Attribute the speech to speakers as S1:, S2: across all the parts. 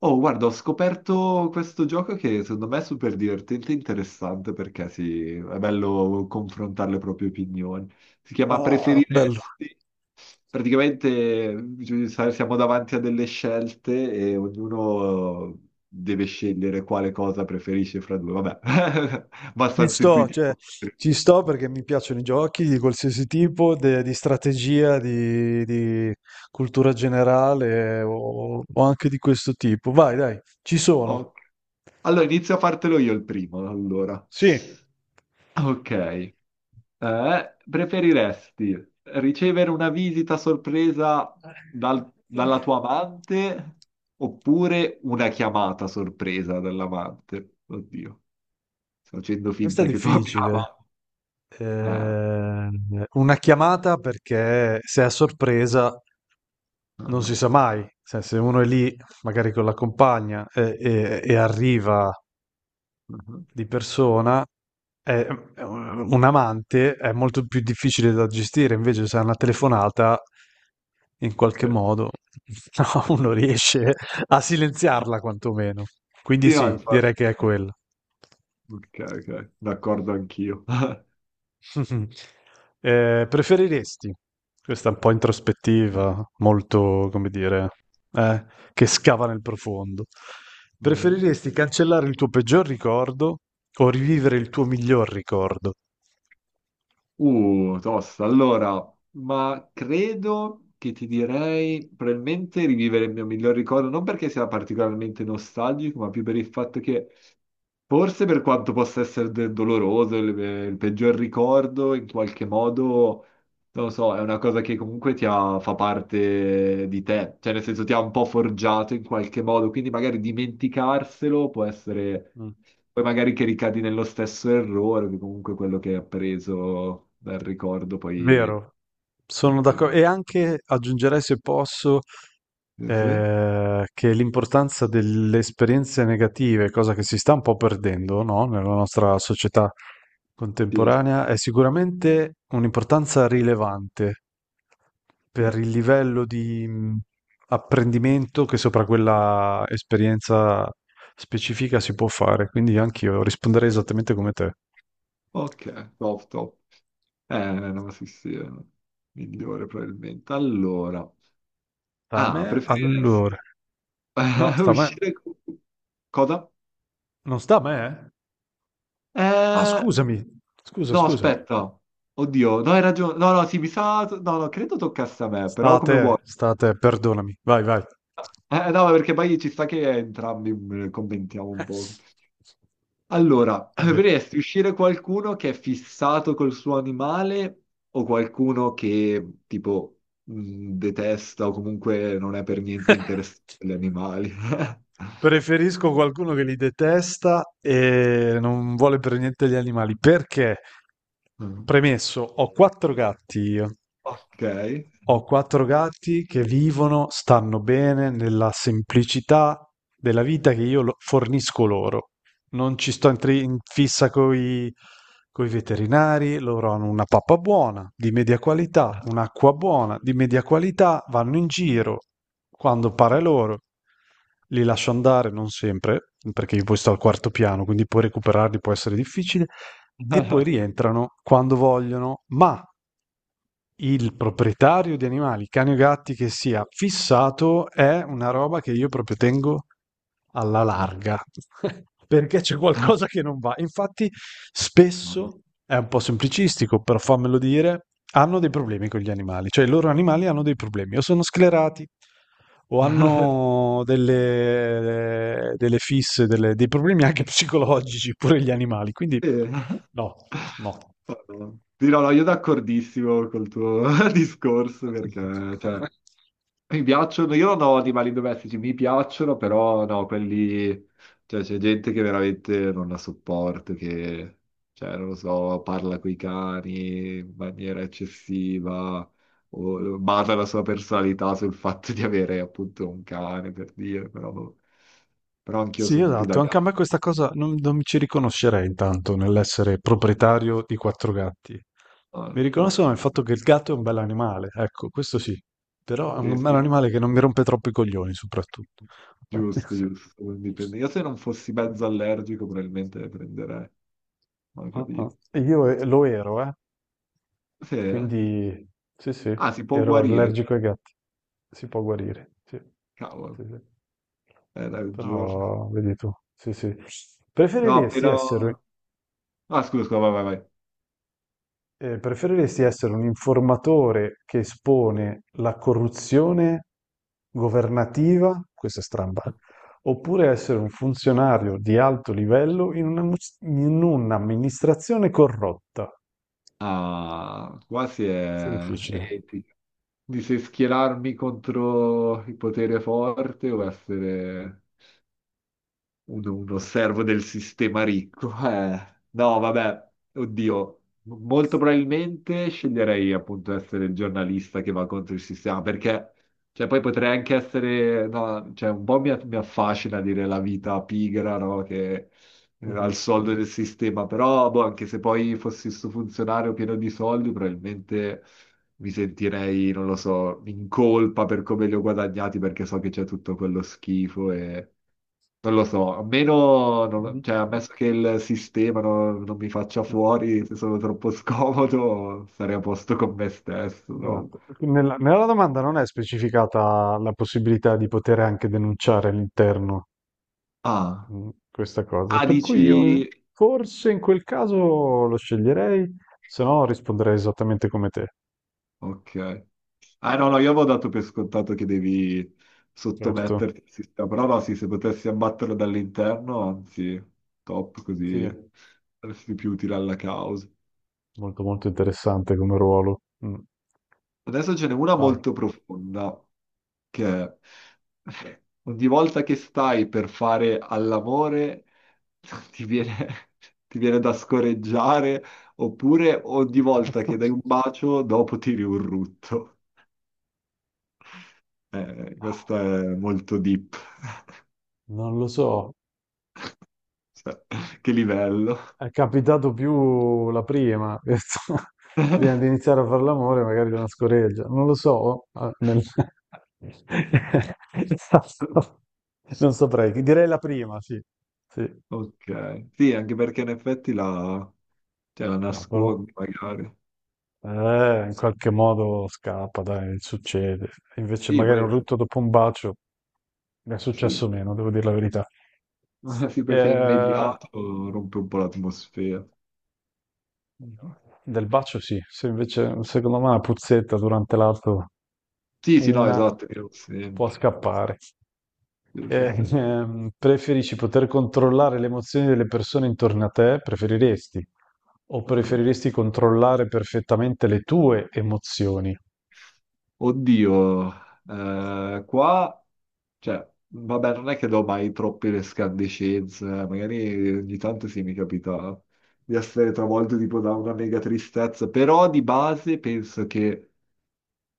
S1: Oh, guarda, ho scoperto questo gioco che secondo me è super divertente e interessante perché sì, è bello confrontare le proprie opinioni. Si chiama
S2: Ah, bello.
S1: Preferiresti. Praticamente siamo davanti a delle scelte e ognuno deve scegliere quale cosa preferisce fra due. Vabbè,
S2: Ci
S1: abbastanza
S2: sto, cioè,
S1: intuitivo.
S2: ci sto perché mi piacciono i giochi di qualsiasi tipo, di strategia, di cultura generale o anche di questo tipo. Vai, dai, ci
S1: Ok.
S2: sono.
S1: Allora, inizio a fartelo io il primo, allora.
S2: Sì.
S1: Ok. Preferiresti ricevere una visita sorpresa dalla tua amante oppure una chiamata sorpresa dall'amante? Oddio, sto facendo
S2: Questa
S1: finta
S2: è
S1: che tu abbia
S2: difficile.
S1: amante. Eh,
S2: Una chiamata perché se è a sorpresa non si
S1: ah,
S2: sa mai. Cioè, se uno è lì, magari con la compagna, e arriva
S1: ah,
S2: di persona, è- è un amante è molto più difficile da gestire, invece se è una telefonata, in qualche
S1: sì,
S2: modo, no, uno riesce a silenziarla quantomeno. Quindi
S1: sì, no,
S2: sì,
S1: infatti.
S2: direi che è quello.
S1: Ok, ok, d'accordo anch'io.
S2: Preferiresti questa è un po' introspettiva, molto, come dire, eh, che scava nel profondo.
S1: Mhm.
S2: Preferiresti cancellare il tuo peggior ricordo o rivivere il tuo miglior ricordo?
S1: Tosta. Allora, ma credo che ti direi probabilmente rivivere il mio miglior ricordo, non perché sia particolarmente nostalgico, ma più per il fatto che forse per quanto possa essere doloroso, il peggior ricordo, in qualche modo, non lo so, è una cosa che comunque fa parte di te, cioè nel senso ti ha un po' forgiato in qualche modo, quindi magari dimenticarselo può essere,
S2: Mm.
S1: poi magari che ricadi nello stesso errore, che comunque quello che hai appreso dal ricordo poi.
S2: Vero, sono d'accordo.
S1: Sì?
S2: E anche aggiungerei, se posso,
S1: Sì?
S2: che l'importanza delle esperienze negative, cosa che si sta un po' perdendo, no? Nella nostra società
S1: Sì.
S2: contemporanea, è sicuramente un'importanza rilevante
S1: Sì.
S2: per il livello di apprendimento che sopra quella esperienza specifica si può fare. Quindi anch'io risponderei esattamente come te.
S1: Ok, top, top. Eh, no, sì, sì, è migliore probabilmente. Allora.
S2: Sta a
S1: Ah,
S2: me? Allora,
S1: preferiresti
S2: no, sta a me.
S1: uscire con. Cosa?
S2: Non sta a me? Eh? Ah,
S1: Eh,
S2: scusami, scusa,
S1: no,
S2: scusa.
S1: aspetta. Oddio, no, hai ragione. No, no, sì, mi sa. No, no, credo toccasse a me, però come vuoi.
S2: Sta a te, perdonami. Vai, vai.
S1: No, perché poi ci sta che entrambi commentiamo un po'. Allora,
S2: Vabbè.
S1: preferiresti uscire qualcuno che è fissato col suo animale o qualcuno che, tipo, detesta o comunque non è per niente interessato agli animali?
S2: Preferisco qualcuno che li detesta e non vuole per niente gli animali. Perché?
S1: Mm.
S2: Premesso, ho quattro gatti io.
S1: Ok.
S2: Ho quattro gatti che vivono, stanno bene nella semplicità della vita che io lo- fornisco loro. Non ci sto in fissa coi veterinari. Loro hanno una pappa buona, di media qualità, un'acqua buona, di media qualità, vanno in giro quando pare loro. Li lascio andare, non sempre, perché io poi sto al quarto piano, quindi poi recuperarli può essere difficile, e poi
S1: Madò.
S2: rientrano quando vogliono, ma il proprietario di animali, cani o gatti che sia fissato, è una roba che io proprio tengo alla larga, perché c'è qualcosa che non va. Infatti, spesso è un po' semplicistico, però fammelo dire, hanno dei problemi con gli animali, cioè i loro animali hanno dei problemi, o sono sclerati, o
S1: Sì. Madò.
S2: hanno delle fisse, dei problemi anche psicologici, pure gli animali, quindi no, no.
S1: Sì, no, no, io d'accordissimo col tuo discorso perché, cioè, mi piacciono, io non ho animali domestici, mi piacciono, però no, quelli, cioè c'è gente che veramente non la sopporto, che, cioè, non lo so, parla coi cani in maniera eccessiva, o basa la sua personalità sul fatto di avere appunto un cane, per dire, però anch'io
S2: Sì,
S1: sono più da
S2: esatto, anche a
S1: gatto.
S2: me questa cosa non mi ci riconoscerei intanto nell'essere proprietario di quattro gatti. Mi
S1: No, no.
S2: riconosco nel fatto che il gatto è un bel animale, ecco, questo sì, però è
S1: Sì,
S2: un bel
S1: sì.
S2: animale che non mi rompe troppo i coglioni, soprattutto.
S1: Giusto, giusto. Quindi io se non fossi mezzo allergico probabilmente le prenderei, ma
S2: Ah, ah.
S1: capito.
S2: E io lo ero,
S1: Sì, eh?
S2: quindi sì, sì,
S1: Ah, si può
S2: ero
S1: guarire, quindi,
S2: allergico ai gatti, si può guarire, sì,
S1: cavolo,
S2: sì, sì.
S1: è raggiosa.
S2: Però, vedi tu, sì, sì.
S1: No,
S2: Preferiresti
S1: però.
S2: essere
S1: Ah, scusa, scusa, vai, vai, vai.
S2: preferiresti essere un informatore che espone la corruzione governativa, questa è stramba, oppure essere un funzionario di alto livello in un'amministrazione corrotta?
S1: Ah, qua si
S2: Questo è
S1: è
S2: difficile.
S1: etica. Di se schierarmi contro il potere forte o essere uno servo del sistema ricco. No, vabbè, oddio, molto probabilmente sceglierei appunto essere il giornalista che va contro il sistema, perché cioè, poi potrei anche essere, no, cioè, un po' mi affascina dire la vita pigra, no, che al
S2: Mhm.
S1: soldo del sistema, però boh, anche se poi fossi sto funzionario pieno di soldi, probabilmente. Mi sentirei, non lo so, in colpa per come li ho guadagnati perché so che c'è tutto quello schifo e, non lo so, a meno, cioè,
S2: Mhm.
S1: ammesso che il sistema non mi faccia fuori se sono troppo scomodo, sarei a posto con me stesso. No?
S2: Esatto. Nella domanda non è specificata la possibilità di poter anche denunciare all'interno
S1: Ah,
S2: Questa cosa.
S1: ah,
S2: Per cui io
S1: dici.
S2: forse in quel caso lo sceglierei, se no risponderei esattamente come te.
S1: Ok. Ah, no, no, io avevo dato per scontato che devi
S2: Certo.
S1: sottometterti al sistema, però no, sì, se potessi abbatterlo dall'interno, anzi, top,
S2: Sì,
S1: così
S2: è
S1: saresti più utile alla causa.
S2: molto molto interessante come ruolo.
S1: Adesso ce n'è una
S2: Vai.
S1: molto profonda, che è, ogni volta che stai per fare all'amore ti viene, ti viene da scoreggiare, oppure ogni volta che dai un bacio dopo tiri un rutto. Questo è molto deep.
S2: Non lo so,
S1: Cioè, che livello.
S2: è capitato più la prima. Prima di iniziare a fare l'amore, magari una scoreggia. Non lo so. Non saprei. Direi la prima, sì. Sì.
S1: Ok, sì, anche perché in effetti la, cioè, la
S2: No,
S1: nascondi magari.
S2: In qualche modo scappa, dai, succede. Invece
S1: Sì,
S2: magari un
S1: poi sì,
S2: rutto dopo un bacio mi è
S1: sì.
S2: successo meno, devo dire la verità.
S1: Sì, poi sei
S2: Eh,
S1: immediato, rompe un po' l'atmosfera. Mhm.
S2: del bacio sì, se invece secondo me una puzzetta durante l'atto,
S1: Sì, sì, no,
S2: una
S1: esatto, io lo
S2: può
S1: senti.
S2: scappare.
S1: Sì, sì,
S2: Eh,
S1: sì.
S2: ehm, preferisci poter controllare le emozioni delle persone intorno a te? Preferiresti? O
S1: Ah.
S2: preferiresti controllare perfettamente le tue emozioni?
S1: Oddio, qua, cioè, vabbè, non è che do mai troppe escandescenze, magari ogni tanto sì mi capita di essere travolto tipo da una mega tristezza, però di base penso che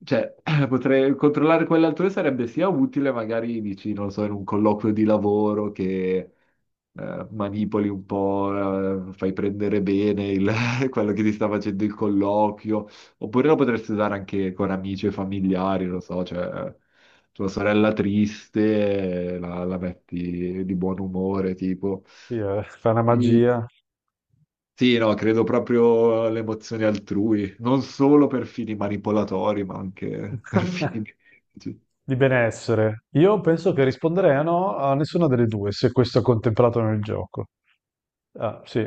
S1: cioè, potrei controllare quell'altrui sarebbe sia utile, magari dici, non lo so, in un colloquio di lavoro che manipoli un po', fai prendere bene quello che ti sta facendo il colloquio, oppure lo potresti usare anche con amici e
S2: No.
S1: familiari, non lo so, cioè tua sorella triste, la metti di buon umore, tipo.
S2: Sì, fa una magia.
S1: Sì, no, credo proprio alle emozioni altrui, non solo per fini manipolatori, ma anche per fini. Sì,
S2: Di benessere. Io penso che risponderei a no a nessuna delle due, se questo è contemplato nel gioco. Ah, sì,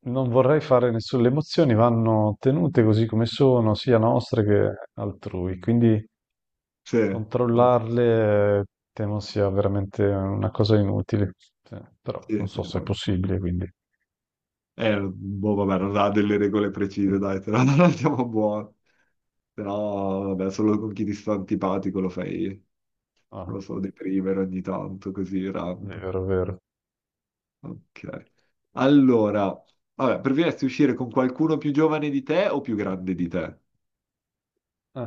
S2: non vorrei fare nessuna... Le emozioni vanno tenute così come sono, sia nostre che altrui, quindi
S1: sì,
S2: controllarle temo sia veramente una cosa inutile. Sì, però non
S1: sì,
S2: so se è
S1: molto.
S2: possibile, quindi...
S1: Boh, vabbè, non ha delle regole precise, dai, te la non andiamo buono. Però, vabbè, solo con chi ti sta antipatico lo fai, non
S2: Ah,
S1: lo so, deprimere ogni tanto, così, random.
S2: vero, vero.
S1: Ok. Allora, vabbè, preferiresti uscire con qualcuno più giovane di te o più grande di te?
S2: Eh,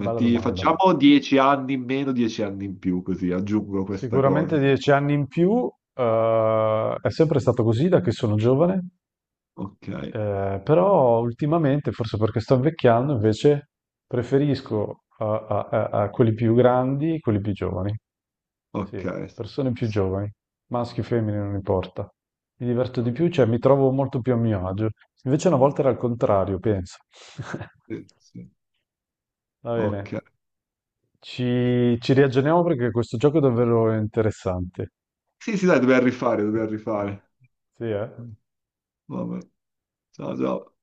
S2: bella domanda.
S1: Facciamo 10 anni in meno, 10 anni in più, così aggiungo questa cosa.
S2: Sicuramente 10 anni in più, è sempre stato così da che sono giovane.
S1: Ok,
S2: Però ultimamente, forse perché sto invecchiando, invece preferisco a quelli più grandi, quelli più giovani. Sì,
S1: ok.
S2: persone più giovani, maschi o femmine, non importa. Mi diverto di più, cioè mi trovo molto più a mio agio. Invece una volta era al contrario, penso.
S1: Sì, sì.
S2: Va
S1: Ok.
S2: bene, ci riaggiorniamo perché questo gioco è davvero interessante.
S1: Sì, sì, dai, dobbiamo rifare, dobbiamo rifare.
S2: Sì, eh?
S1: Vabbè. Ciao, ciao.